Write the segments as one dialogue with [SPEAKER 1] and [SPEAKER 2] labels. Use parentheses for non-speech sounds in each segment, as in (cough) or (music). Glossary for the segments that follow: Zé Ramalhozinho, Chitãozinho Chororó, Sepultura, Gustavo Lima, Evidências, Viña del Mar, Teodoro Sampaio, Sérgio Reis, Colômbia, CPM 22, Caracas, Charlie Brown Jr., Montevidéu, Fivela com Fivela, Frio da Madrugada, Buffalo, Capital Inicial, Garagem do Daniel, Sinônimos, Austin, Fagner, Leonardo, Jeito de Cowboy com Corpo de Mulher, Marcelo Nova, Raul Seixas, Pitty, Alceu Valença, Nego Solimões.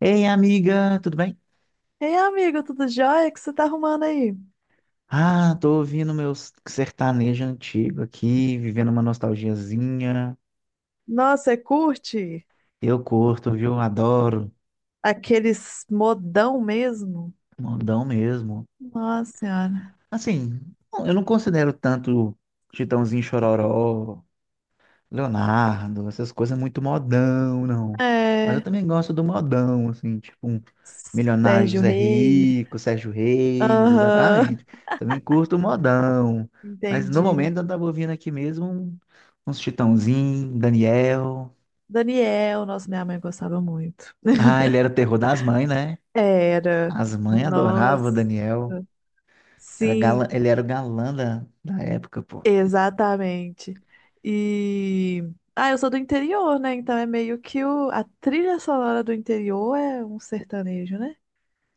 [SPEAKER 1] Ei, amiga, tudo bem?
[SPEAKER 2] Ei, amigo, tudo jóia? O que você tá arrumando aí?
[SPEAKER 1] Ah, tô ouvindo meus sertanejo antigo aqui, vivendo uma nostalgiazinha.
[SPEAKER 2] Nossa, você curte
[SPEAKER 1] Eu curto, viu? Adoro.
[SPEAKER 2] aqueles modão mesmo?
[SPEAKER 1] Modão mesmo.
[SPEAKER 2] Nossa senhora.
[SPEAKER 1] Assim, eu não considero tanto Chitãozinho Chororó, Leonardo, essas coisas é muito modão, não. Mas eu
[SPEAKER 2] É.
[SPEAKER 1] também gosto do modão, assim, tipo um Milionário
[SPEAKER 2] Sérgio
[SPEAKER 1] José
[SPEAKER 2] Reis.
[SPEAKER 1] Rico, Sérgio Reis,
[SPEAKER 2] Aham,
[SPEAKER 1] exatamente. Também curto o modão.
[SPEAKER 2] (laughs)
[SPEAKER 1] Mas no
[SPEAKER 2] entendi.
[SPEAKER 1] momento eu tava ouvindo aqui mesmo uns Chitãozinho, Daniel.
[SPEAKER 2] Daniel, nossa, minha mãe gostava muito.
[SPEAKER 1] Ah,
[SPEAKER 2] (laughs)
[SPEAKER 1] ele era o terror das mães, né?
[SPEAKER 2] Era.
[SPEAKER 1] As mães adoravam o
[SPEAKER 2] Nossa.
[SPEAKER 1] Daniel.
[SPEAKER 2] Sim,
[SPEAKER 1] Ele era o galã da época, pô.
[SPEAKER 2] exatamente. E. Ah, eu sou do interior, né? Então é meio que o a trilha sonora do interior é um sertanejo, né?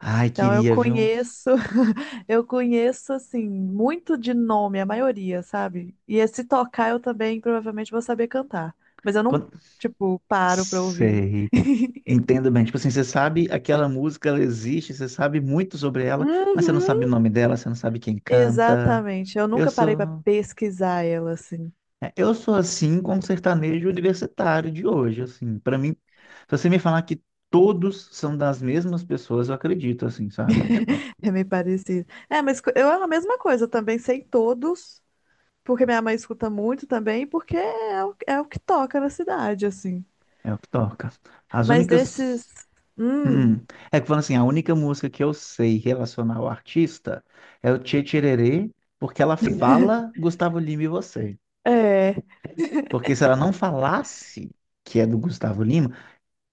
[SPEAKER 1] Ai,
[SPEAKER 2] Então eu
[SPEAKER 1] queria, viu?
[SPEAKER 2] conheço, (laughs) eu conheço assim, muito de nome, a maioria, sabe? E se tocar eu também provavelmente vou saber cantar, mas eu não,
[SPEAKER 1] Quando...
[SPEAKER 2] tipo, paro pra ouvir.
[SPEAKER 1] Sei.
[SPEAKER 2] (laughs)
[SPEAKER 1] Entendo bem. Tipo assim, você sabe aquela música, ela existe, você sabe muito sobre ela, mas você não sabe o
[SPEAKER 2] Uhum.
[SPEAKER 1] nome dela, você não sabe quem canta.
[SPEAKER 2] Exatamente, eu
[SPEAKER 1] Eu
[SPEAKER 2] nunca parei pra
[SPEAKER 1] sou,
[SPEAKER 2] pesquisar ela assim.
[SPEAKER 1] eu sou assim com o sertanejo universitário de hoje, assim. Para mim, se você me falar que todos são das mesmas pessoas, eu acredito, assim, sabe? Tipo,
[SPEAKER 2] (laughs) É meio parecido. É, mas eu é a mesma coisa, eu também sei todos, porque minha mãe escuta muito também, porque é o que toca na cidade, assim.
[SPEAKER 1] é o que toca. As
[SPEAKER 2] Mas
[SPEAKER 1] únicas.
[SPEAKER 2] desses. Hum,
[SPEAKER 1] Hum. É que falando assim, a única música que eu sei relacionar ao artista é o Tchê Tchererê, porque ela fala Gustavo Lima e você.
[SPEAKER 2] é.
[SPEAKER 1] Porque se ela não falasse que é do Gustavo Lima,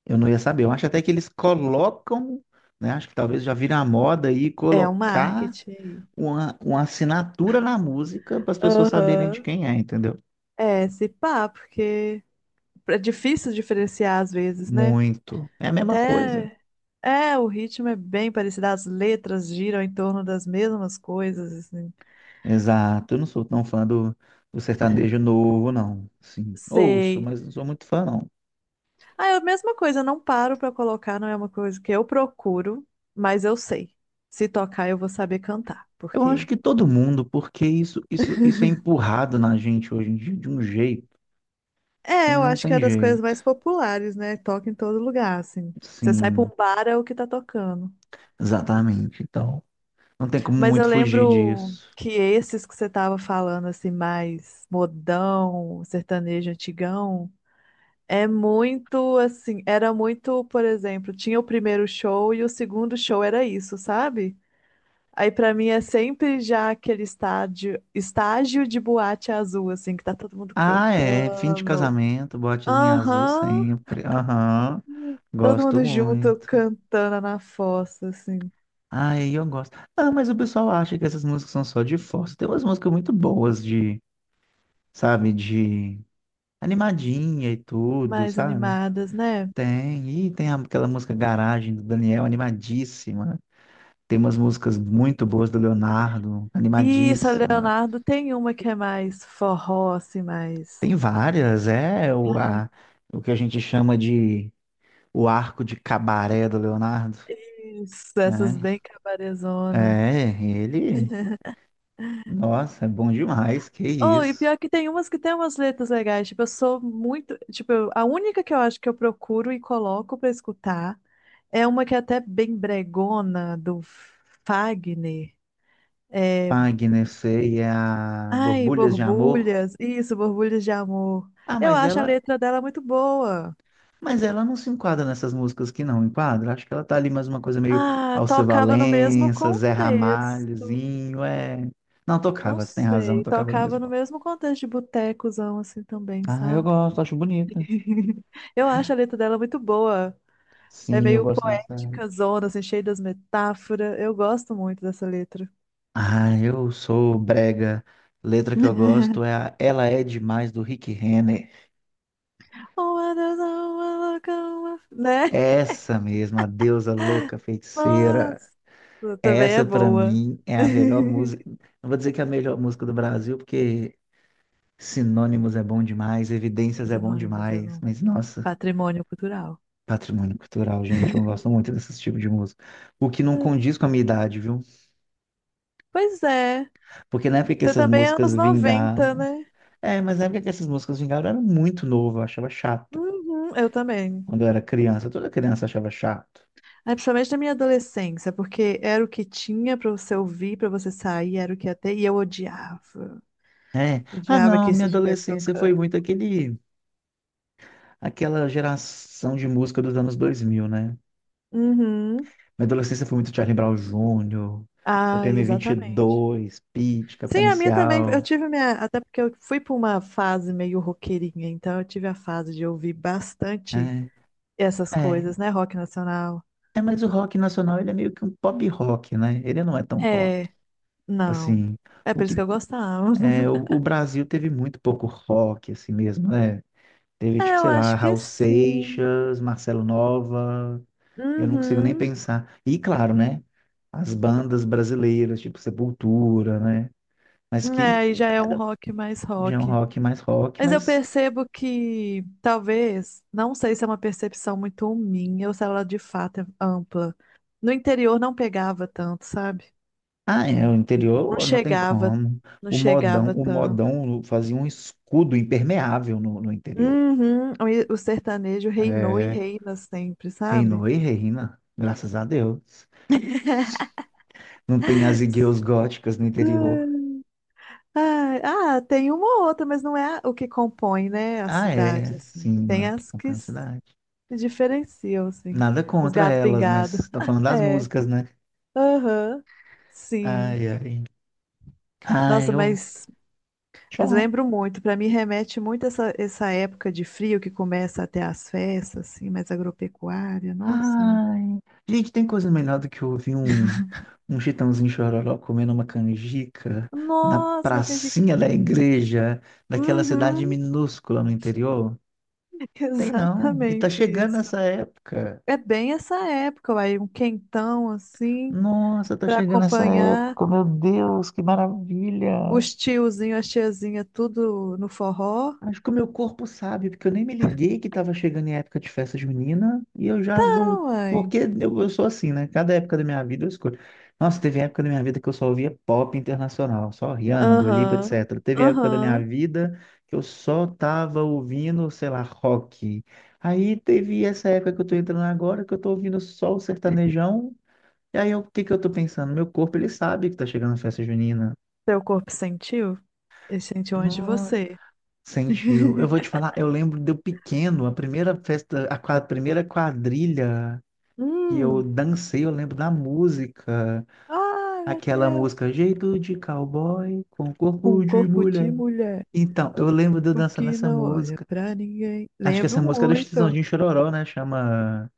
[SPEAKER 1] eu não ia saber. Eu acho até que eles colocam, né? Acho que talvez já vira a moda aí
[SPEAKER 2] É o
[SPEAKER 1] colocar
[SPEAKER 2] marketing aí.
[SPEAKER 1] uma assinatura na música para as pessoas saberem de
[SPEAKER 2] Aham.
[SPEAKER 1] quem é, entendeu?
[SPEAKER 2] É, se pá, porque é difícil diferenciar às vezes, né?
[SPEAKER 1] Muito. É a mesma coisa.
[SPEAKER 2] Até é, o ritmo é bem parecido, as letras giram em torno das mesmas coisas, assim.
[SPEAKER 1] Exato. Eu não sou tão fã do sertanejo novo, não. Sim, ouço,
[SPEAKER 2] Sei.
[SPEAKER 1] mas não sou muito fã, não.
[SPEAKER 2] Ah, é a mesma coisa, eu não paro pra colocar, não é uma coisa que eu procuro, mas eu sei. Se tocar, eu vou saber cantar,
[SPEAKER 1] Eu acho
[SPEAKER 2] porque
[SPEAKER 1] que todo mundo, porque isso é empurrado na gente hoje em dia de um jeito que
[SPEAKER 2] é, eu
[SPEAKER 1] não
[SPEAKER 2] acho que é
[SPEAKER 1] tem
[SPEAKER 2] das coisas
[SPEAKER 1] jeito.
[SPEAKER 2] mais populares, né? Toca em todo lugar, assim. Você sai pra
[SPEAKER 1] Sim,
[SPEAKER 2] um bar, é o que tá tocando.
[SPEAKER 1] exatamente. Então, não tem como
[SPEAKER 2] Mas
[SPEAKER 1] muito
[SPEAKER 2] eu
[SPEAKER 1] fugir
[SPEAKER 2] lembro
[SPEAKER 1] disso.
[SPEAKER 2] que esses que você estava falando, assim, mais modão, sertanejo antigão, é muito assim, era muito, por exemplo, tinha o primeiro show e o segundo show era isso, sabe? Aí pra mim é sempre já aquele estádio, estágio de boate azul, assim, que tá todo mundo
[SPEAKER 1] Ah, é. Fim de
[SPEAKER 2] cantando.
[SPEAKER 1] casamento, botezinho azul
[SPEAKER 2] Aham,
[SPEAKER 1] sempre. Aham.
[SPEAKER 2] todo
[SPEAKER 1] Gosto
[SPEAKER 2] mundo junto
[SPEAKER 1] muito.
[SPEAKER 2] cantando na fossa, assim,
[SPEAKER 1] Ai, eu gosto. Ah, mas o pessoal acha que essas músicas são só de força. Tem umas músicas muito boas de, sabe, de animadinha e tudo,
[SPEAKER 2] mais
[SPEAKER 1] sabe?
[SPEAKER 2] animadas, né?
[SPEAKER 1] Tem. E tem aquela música Garagem do Daniel, animadíssima. Tem umas músicas muito boas do Leonardo,
[SPEAKER 2] Isso, a
[SPEAKER 1] animadíssimas.
[SPEAKER 2] Leonardo tem uma que é mais forró, assim, mais.
[SPEAKER 1] Tem várias, é o,
[SPEAKER 2] Cara,
[SPEAKER 1] a, o que a gente chama de o arco de cabaré do Leonardo,
[SPEAKER 2] isso, essas
[SPEAKER 1] né?
[SPEAKER 2] bem cabarezona.
[SPEAKER 1] É, ele,
[SPEAKER 2] (laughs)
[SPEAKER 1] nossa, é bom demais, que
[SPEAKER 2] Oh, e
[SPEAKER 1] isso.
[SPEAKER 2] pior que tem umas letras legais. Tipo, eu sou muito. Tipo, a única que eu acho que eu procuro e coloco pra escutar é uma que é até bem bregona, do Fagner. É,
[SPEAKER 1] Pagnecei a
[SPEAKER 2] ai,
[SPEAKER 1] Borbulhas de Amor.
[SPEAKER 2] borbulhas. Isso, borbulhas de amor.
[SPEAKER 1] Ah,
[SPEAKER 2] Eu acho a letra dela muito boa.
[SPEAKER 1] mas ela não se enquadra nessas músicas que não enquadra. Acho que ela tá ali mais uma coisa meio
[SPEAKER 2] Ah,
[SPEAKER 1] Alceu
[SPEAKER 2] tocava no mesmo
[SPEAKER 1] Valença, Zé
[SPEAKER 2] contexto.
[SPEAKER 1] Ramalhozinho, é. Não
[SPEAKER 2] Não
[SPEAKER 1] tocava, você tem razão,
[SPEAKER 2] sei,
[SPEAKER 1] tocava no mesmo
[SPEAKER 2] tocava no
[SPEAKER 1] lugar.
[SPEAKER 2] mesmo contexto de botecozão, assim também,
[SPEAKER 1] Ah, eu
[SPEAKER 2] sabe?
[SPEAKER 1] gosto, acho bonita.
[SPEAKER 2] (laughs) Eu acho a letra dela muito boa. É
[SPEAKER 1] Sim, eu
[SPEAKER 2] meio
[SPEAKER 1] gosto bastante.
[SPEAKER 2] poética, zona, assim, cheia das metáforas. Eu gosto muito dessa letra.
[SPEAKER 1] Ah, eu sou brega. Letra que eu gosto
[SPEAKER 2] (laughs)
[SPEAKER 1] é a Ela é Demais do Rick Renner.
[SPEAKER 2] Oh, my Deus, Né?
[SPEAKER 1] Essa mesma, a deusa louca feiticeira.
[SPEAKER 2] Nossa, também é
[SPEAKER 1] Essa pra
[SPEAKER 2] boa.
[SPEAKER 1] mim é a melhor música.
[SPEAKER 2] (laughs)
[SPEAKER 1] Não vou dizer que é a melhor música do Brasil, porque Sinônimos é bom demais, Evidências é bom
[SPEAKER 2] Sinônimos é
[SPEAKER 1] demais,
[SPEAKER 2] bom.
[SPEAKER 1] mas nossa,
[SPEAKER 2] Patrimônio cultural.
[SPEAKER 1] patrimônio cultural, gente, eu gosto muito desse tipo de música. O que não
[SPEAKER 2] É,
[SPEAKER 1] condiz com a minha idade, viu?
[SPEAKER 2] pois é.
[SPEAKER 1] Porque na época que
[SPEAKER 2] Você
[SPEAKER 1] essas
[SPEAKER 2] também é
[SPEAKER 1] músicas
[SPEAKER 2] anos 90,
[SPEAKER 1] vingaram.
[SPEAKER 2] né?
[SPEAKER 1] É, mas na época que essas músicas vingaram, eu era muito novo, eu achava chato.
[SPEAKER 2] Uhum, eu também.
[SPEAKER 1] Quando eu era criança. Toda criança achava chato.
[SPEAKER 2] É, principalmente na minha adolescência, porque era o que tinha pra você ouvir, pra você sair, era o que ia ter, e eu odiava.
[SPEAKER 1] Ah,
[SPEAKER 2] Odiava
[SPEAKER 1] não,
[SPEAKER 2] que
[SPEAKER 1] minha
[SPEAKER 2] isso estivesse
[SPEAKER 1] adolescência foi
[SPEAKER 2] tocando.
[SPEAKER 1] muito aquele, aquela geração de música dos anos 2000, né?
[SPEAKER 2] Uhum.
[SPEAKER 1] Minha adolescência foi muito Charlie Brown Jr.,
[SPEAKER 2] Ah,
[SPEAKER 1] CPM
[SPEAKER 2] exatamente.
[SPEAKER 1] 22, Pitty, Capital
[SPEAKER 2] Sim, a minha também. Eu
[SPEAKER 1] Inicial.
[SPEAKER 2] tive minha. Até porque eu fui pra uma fase meio roqueirinha, então eu tive a fase de ouvir bastante
[SPEAKER 1] É,
[SPEAKER 2] essas
[SPEAKER 1] é,
[SPEAKER 2] coisas, né? Rock nacional.
[SPEAKER 1] é, mas o rock nacional, ele é meio que um pop rock, né? Ele não é tão rock.
[SPEAKER 2] É, não.
[SPEAKER 1] Assim,
[SPEAKER 2] É
[SPEAKER 1] o
[SPEAKER 2] por isso que
[SPEAKER 1] que
[SPEAKER 2] eu gostava.
[SPEAKER 1] é,
[SPEAKER 2] (laughs)
[SPEAKER 1] o Brasil teve muito pouco rock, assim mesmo, né? Teve,
[SPEAKER 2] É,
[SPEAKER 1] tipo,
[SPEAKER 2] eu
[SPEAKER 1] sei lá,
[SPEAKER 2] acho que
[SPEAKER 1] Raul
[SPEAKER 2] sim.
[SPEAKER 1] Seixas, Marcelo Nova, eu não consigo nem
[SPEAKER 2] Uhum.
[SPEAKER 1] pensar. E claro, né? As bandas brasileiras, tipo Sepultura, né? Mas
[SPEAKER 2] É,
[SPEAKER 1] que
[SPEAKER 2] aí já é um
[SPEAKER 1] era
[SPEAKER 2] rock mais
[SPEAKER 1] já é um
[SPEAKER 2] rock.
[SPEAKER 1] rock mais rock,
[SPEAKER 2] Mas eu
[SPEAKER 1] mas
[SPEAKER 2] percebo que talvez, não sei se é uma percepção muito minha ou se ela de fato é ampla. No interior não pegava tanto, sabe?
[SPEAKER 1] ah, é, o
[SPEAKER 2] Não
[SPEAKER 1] interior não tem
[SPEAKER 2] chegava,
[SPEAKER 1] como.
[SPEAKER 2] não chegava
[SPEAKER 1] O
[SPEAKER 2] tanto.
[SPEAKER 1] modão fazia um escudo impermeável no interior.
[SPEAKER 2] Uhum, o sertanejo reinou e
[SPEAKER 1] É,
[SPEAKER 2] reina sempre, sabe?
[SPEAKER 1] reinou e reina, graças a Deus. Não tem as
[SPEAKER 2] (laughs)
[SPEAKER 1] igrejas góticas no interior.
[SPEAKER 2] Ai, ah, tem uma ou outra, mas não é o que compõe, né, a
[SPEAKER 1] Ah,
[SPEAKER 2] cidade,
[SPEAKER 1] é,
[SPEAKER 2] assim.
[SPEAKER 1] sim,
[SPEAKER 2] Tem
[SPEAKER 1] olha que
[SPEAKER 2] as que
[SPEAKER 1] acompanha a
[SPEAKER 2] se
[SPEAKER 1] cidade.
[SPEAKER 2] diferenciam, assim.
[SPEAKER 1] Nada
[SPEAKER 2] Uns
[SPEAKER 1] contra
[SPEAKER 2] gato
[SPEAKER 1] elas,
[SPEAKER 2] pingado.
[SPEAKER 1] mas tá
[SPEAKER 2] (laughs)
[SPEAKER 1] falando das
[SPEAKER 2] É,
[SPEAKER 1] músicas, né?
[SPEAKER 2] aham, sim.
[SPEAKER 1] Ai, ai. Ai,
[SPEAKER 2] Nossa,
[SPEAKER 1] eu.
[SPEAKER 2] mas, mas
[SPEAKER 1] Tchau.
[SPEAKER 2] lembro muito. Para mim remete muito essa época de frio que começa até as festas, assim, mais agropecuária. Nossa Senhora.
[SPEAKER 1] Ai, gente, tem coisa melhor do que ouvir um Chitãozinho Chororó comendo uma canjica na
[SPEAKER 2] Nossa, uma
[SPEAKER 1] pracinha da
[SPEAKER 2] canjiquinha.
[SPEAKER 1] igreja, daquela cidade
[SPEAKER 2] Uhum,
[SPEAKER 1] minúscula no interior?
[SPEAKER 2] (laughs)
[SPEAKER 1] Tem não. E tá
[SPEAKER 2] exatamente
[SPEAKER 1] chegando
[SPEAKER 2] isso.
[SPEAKER 1] essa época.
[SPEAKER 2] É bem essa época, aí um quentão assim
[SPEAKER 1] Nossa, tá
[SPEAKER 2] para
[SPEAKER 1] chegando essa
[SPEAKER 2] acompanhar
[SPEAKER 1] época. Meu Deus, que maravilha!
[SPEAKER 2] os tiozinhos, as tiazinhas, tudo no forró.
[SPEAKER 1] Acho que o meu corpo sabe, porque eu nem me liguei que estava chegando em época de festa junina e eu já
[SPEAKER 2] Tá,
[SPEAKER 1] vou.
[SPEAKER 2] uai.
[SPEAKER 1] Porque eu sou assim, né? Cada época da minha vida eu escolho. Nossa, teve época da minha vida que eu só ouvia pop internacional, só Rihanna, Dua Lipa,
[SPEAKER 2] Aham,
[SPEAKER 1] etc. Teve época da minha
[SPEAKER 2] aham.
[SPEAKER 1] vida que eu só tava ouvindo, sei lá, rock. Aí teve essa época que eu tô entrando agora que eu tô ouvindo só o sertanejão. E o que que eu tô pensando? Meu corpo, ele sabe que tá chegando a festa junina.
[SPEAKER 2] Seu corpo sentiu? Ele sentiu antes de você.
[SPEAKER 1] Sentiu. Eu vou te
[SPEAKER 2] (laughs)
[SPEAKER 1] falar, eu lembro de eu pequeno, a primeira festa, a primeira quadrilha que eu
[SPEAKER 2] Hum.
[SPEAKER 1] dancei, eu lembro da música,
[SPEAKER 2] Ai, meu
[SPEAKER 1] aquela
[SPEAKER 2] Deus.
[SPEAKER 1] música Jeito de Cowboy com
[SPEAKER 2] Um
[SPEAKER 1] Corpo de
[SPEAKER 2] corpo de
[SPEAKER 1] Mulher.
[SPEAKER 2] mulher,
[SPEAKER 1] Então, eu lembro de eu
[SPEAKER 2] o
[SPEAKER 1] dançando
[SPEAKER 2] que
[SPEAKER 1] essa
[SPEAKER 2] não olha
[SPEAKER 1] música.
[SPEAKER 2] pra ninguém.
[SPEAKER 1] Acho que essa
[SPEAKER 2] Lembro
[SPEAKER 1] música era do
[SPEAKER 2] muito.
[SPEAKER 1] Chitãozinho Chororó, né? Chama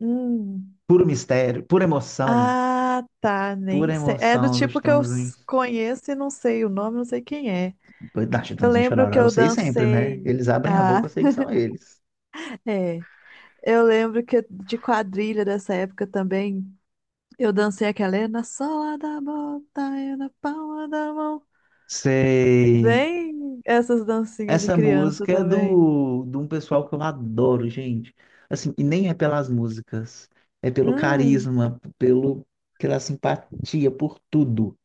[SPEAKER 2] Hum.
[SPEAKER 1] Puro Mistério, Pura Emoção,
[SPEAKER 2] Ah, tá, nem
[SPEAKER 1] Pura
[SPEAKER 2] sei. É do
[SPEAKER 1] Emoção do
[SPEAKER 2] tipo que
[SPEAKER 1] Chitãozinho,
[SPEAKER 2] conheço e não sei o nome, não sei quem é.
[SPEAKER 1] da
[SPEAKER 2] Eu
[SPEAKER 1] Chitãozinho
[SPEAKER 2] lembro
[SPEAKER 1] Chororó.
[SPEAKER 2] que
[SPEAKER 1] Eu
[SPEAKER 2] eu
[SPEAKER 1] sei sempre, né?
[SPEAKER 2] dancei.
[SPEAKER 1] Eles abrem a
[SPEAKER 2] Ah,
[SPEAKER 1] boca, eu sei que são eles.
[SPEAKER 2] (laughs) é. Eu lembro que de quadrilha dessa época também, eu dancei aquela é na sola da bota, é na palma da mão.
[SPEAKER 1] Sei.
[SPEAKER 2] Bem, essas dancinhas de
[SPEAKER 1] Essa
[SPEAKER 2] criança
[SPEAKER 1] música é
[SPEAKER 2] também.
[SPEAKER 1] de um pessoal que eu adoro, gente. Assim, e nem é pelas músicas, é pelo
[SPEAKER 2] Hum.
[SPEAKER 1] carisma, pelo, pela simpatia, por tudo.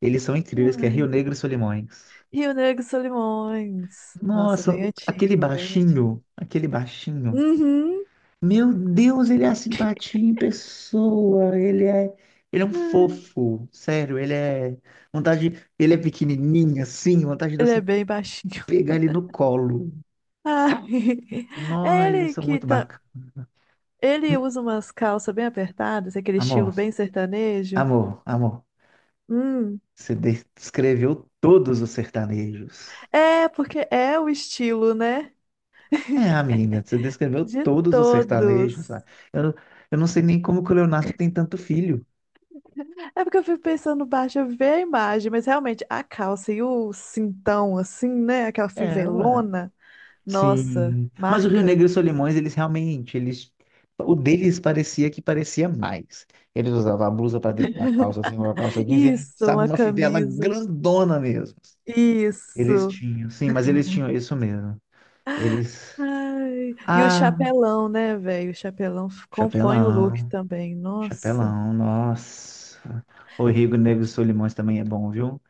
[SPEAKER 1] Eles são incríveis, que é Rio
[SPEAKER 2] Uai.
[SPEAKER 1] Negro e Solimões.
[SPEAKER 2] E o Nego Solimões. Nossa,
[SPEAKER 1] Nossa,
[SPEAKER 2] bem
[SPEAKER 1] aquele
[SPEAKER 2] antigo, bem antigo.
[SPEAKER 1] baixinho, aquele baixinho.
[SPEAKER 2] Uhum.
[SPEAKER 1] Meu Deus, ele é a simpatia em pessoa, ele é um
[SPEAKER 2] (laughs)
[SPEAKER 1] fofo, sério, ele é vontade, ele é pequenininho assim, vontade de
[SPEAKER 2] Ele é
[SPEAKER 1] você
[SPEAKER 2] bem baixinho.
[SPEAKER 1] pegar ele no colo.
[SPEAKER 2] (laughs) Ai,
[SPEAKER 1] Nó,
[SPEAKER 2] é
[SPEAKER 1] eles
[SPEAKER 2] ele
[SPEAKER 1] são
[SPEAKER 2] que
[SPEAKER 1] muito
[SPEAKER 2] tá.
[SPEAKER 1] bacanas.
[SPEAKER 2] Ele usa umas calças bem apertadas, aquele estilo
[SPEAKER 1] Amor,
[SPEAKER 2] bem sertanejo.
[SPEAKER 1] amor, amor.
[SPEAKER 2] Hum.
[SPEAKER 1] Você descreveu todos os sertanejos.
[SPEAKER 2] É, porque é o estilo, né?
[SPEAKER 1] É,
[SPEAKER 2] (laughs)
[SPEAKER 1] amiga, você descreveu
[SPEAKER 2] De
[SPEAKER 1] todos os sertanejos,
[SPEAKER 2] todos.
[SPEAKER 1] ué. Eu, eu não sei nem como que o Leonardo tem tanto filho.
[SPEAKER 2] É porque eu fico pensando baixo, eu vi a imagem, mas realmente a calça e o cintão, assim, né? Aquela
[SPEAKER 1] É, ué.
[SPEAKER 2] fivelona, nossa,
[SPEAKER 1] Sim. Mas o Rio Negro e os
[SPEAKER 2] marcante.
[SPEAKER 1] Solimões, eles realmente, eles, o deles parecia que parecia mais. Eles usavam a blusa para dentro da calça, assim, uma calça jeans, e eles
[SPEAKER 2] Isso,
[SPEAKER 1] usavam
[SPEAKER 2] uma
[SPEAKER 1] uma fivela
[SPEAKER 2] camisa.
[SPEAKER 1] grandona mesmo. Eles
[SPEAKER 2] Isso.
[SPEAKER 1] tinham, sim, mas eles tinham
[SPEAKER 2] (laughs)
[SPEAKER 1] isso mesmo. Eles.
[SPEAKER 2] Ai, e o
[SPEAKER 1] Ah,
[SPEAKER 2] chapelão, né, velho? O chapelão compõe o look
[SPEAKER 1] chapelão.
[SPEAKER 2] também. Nossa.
[SPEAKER 1] Chapelão, nossa. O Rio Negro e Solimões também é bom, viu?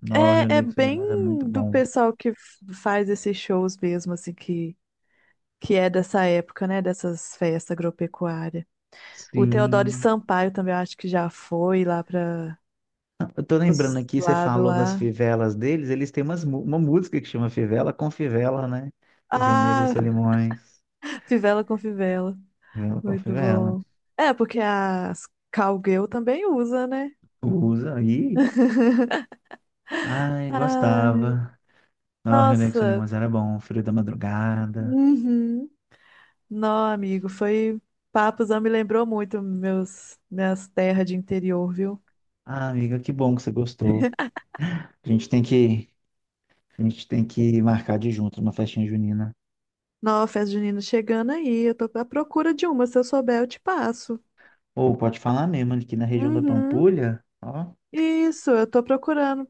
[SPEAKER 1] No, o Rio
[SPEAKER 2] É, é
[SPEAKER 1] Negro e
[SPEAKER 2] bem
[SPEAKER 1] Solimões é muito
[SPEAKER 2] do
[SPEAKER 1] bom.
[SPEAKER 2] pessoal que faz esses shows mesmo, assim, que é dessa época, né? Dessas festas agropecuárias. O Teodoro
[SPEAKER 1] Sim.
[SPEAKER 2] Sampaio também, eu acho que já foi lá para
[SPEAKER 1] Eu tô lembrando
[SPEAKER 2] os
[SPEAKER 1] aqui, você
[SPEAKER 2] lados
[SPEAKER 1] falou das
[SPEAKER 2] lá.
[SPEAKER 1] fivelas deles, eles têm umas, uma música que chama Fivela com Fivela, né? O Rio Negro e
[SPEAKER 2] Ah,
[SPEAKER 1] Solimões.
[SPEAKER 2] (laughs) fivela com fivela.
[SPEAKER 1] Fivela com
[SPEAKER 2] Muito
[SPEAKER 1] Fivela.
[SPEAKER 2] bom. É, porque as cowgirl também usa, né?
[SPEAKER 1] Usa aí.
[SPEAKER 2] (laughs)
[SPEAKER 1] Ai,
[SPEAKER 2] Ah.
[SPEAKER 1] gostava. No, o Rio Negro e
[SPEAKER 2] Nossa,
[SPEAKER 1] Solimões era bom, Frio da Madrugada.
[SPEAKER 2] uhum. Não, amigo, foi papos, não me lembrou muito meus minhas terras de interior, viu?
[SPEAKER 1] Ah, amiga, que bom que você gostou. A gente tem que, a gente tem que marcar de junto uma festinha junina.
[SPEAKER 2] Não, festa junina chegando aí, eu tô à procura de uma, se eu souber eu te passo.
[SPEAKER 1] Ou pode falar mesmo, aqui na região da
[SPEAKER 2] Uhum.
[SPEAKER 1] Pampulha, ó,
[SPEAKER 2] Isso, eu tô procurando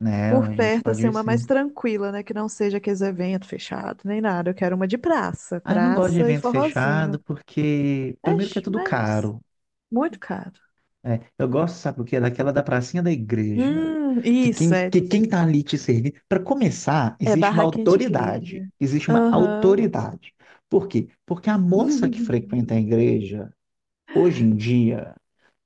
[SPEAKER 1] né,
[SPEAKER 2] por
[SPEAKER 1] a gente
[SPEAKER 2] perto,
[SPEAKER 1] pode
[SPEAKER 2] assim,
[SPEAKER 1] ir
[SPEAKER 2] uma
[SPEAKER 1] sim.
[SPEAKER 2] mais tranquila, né, que não seja aqueles eventos fechados, nem nada, eu quero uma de praça,
[SPEAKER 1] Ah, eu não gosto de
[SPEAKER 2] praça e
[SPEAKER 1] evento
[SPEAKER 2] forrozinho.
[SPEAKER 1] fechado porque, primeiro que é
[SPEAKER 2] Mas,
[SPEAKER 1] tudo
[SPEAKER 2] mas
[SPEAKER 1] caro,
[SPEAKER 2] muito caro.
[SPEAKER 1] né? Eu gosto, sabe o quê? Daquela da pracinha da igreja, que
[SPEAKER 2] Isso,
[SPEAKER 1] quem,
[SPEAKER 2] é,
[SPEAKER 1] que quem tá ali te servindo, para começar,
[SPEAKER 2] é
[SPEAKER 1] existe uma
[SPEAKER 2] barraquinha de
[SPEAKER 1] autoridade,
[SPEAKER 2] igreja.
[SPEAKER 1] existe uma
[SPEAKER 2] Aham.
[SPEAKER 1] autoridade. Por quê? Porque a moça que
[SPEAKER 2] (laughs)
[SPEAKER 1] frequenta a igreja, hoje em dia,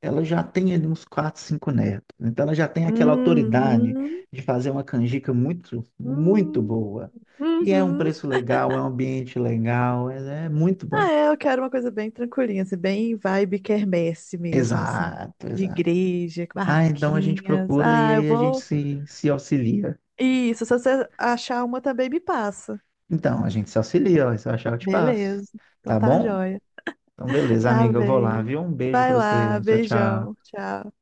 [SPEAKER 1] ela já tem ali uns quatro, cinco netos. Então ela já tem aquela autoridade
[SPEAKER 2] Uhum.
[SPEAKER 1] de fazer uma canjica muito, muito
[SPEAKER 2] Hum.
[SPEAKER 1] boa. E é um
[SPEAKER 2] Uhum.
[SPEAKER 1] preço legal, é um ambiente legal, é muito bom.
[SPEAKER 2] Ah, é, eu quero uma coisa bem tranquilinha, assim, bem vibe quermesse mesmo, assim,
[SPEAKER 1] Exato,
[SPEAKER 2] de
[SPEAKER 1] exato.
[SPEAKER 2] igreja, com
[SPEAKER 1] Ah, então a gente
[SPEAKER 2] barraquinhas.
[SPEAKER 1] procura e
[SPEAKER 2] Ah, eu
[SPEAKER 1] aí a gente
[SPEAKER 2] vou.
[SPEAKER 1] se, se auxilia.
[SPEAKER 2] Isso, se você achar uma também me passa.
[SPEAKER 1] Então, a gente se auxilia, ó, se eu achar eu te passo.
[SPEAKER 2] Beleza. Então
[SPEAKER 1] Tá
[SPEAKER 2] tá
[SPEAKER 1] bom?
[SPEAKER 2] joia.
[SPEAKER 1] Então, beleza,
[SPEAKER 2] Tá
[SPEAKER 1] amiga, eu vou lá,
[SPEAKER 2] bem.
[SPEAKER 1] viu? Um beijo pra
[SPEAKER 2] Vai lá,
[SPEAKER 1] você. Tchau,
[SPEAKER 2] beijão.
[SPEAKER 1] tchau.
[SPEAKER 2] Tchau.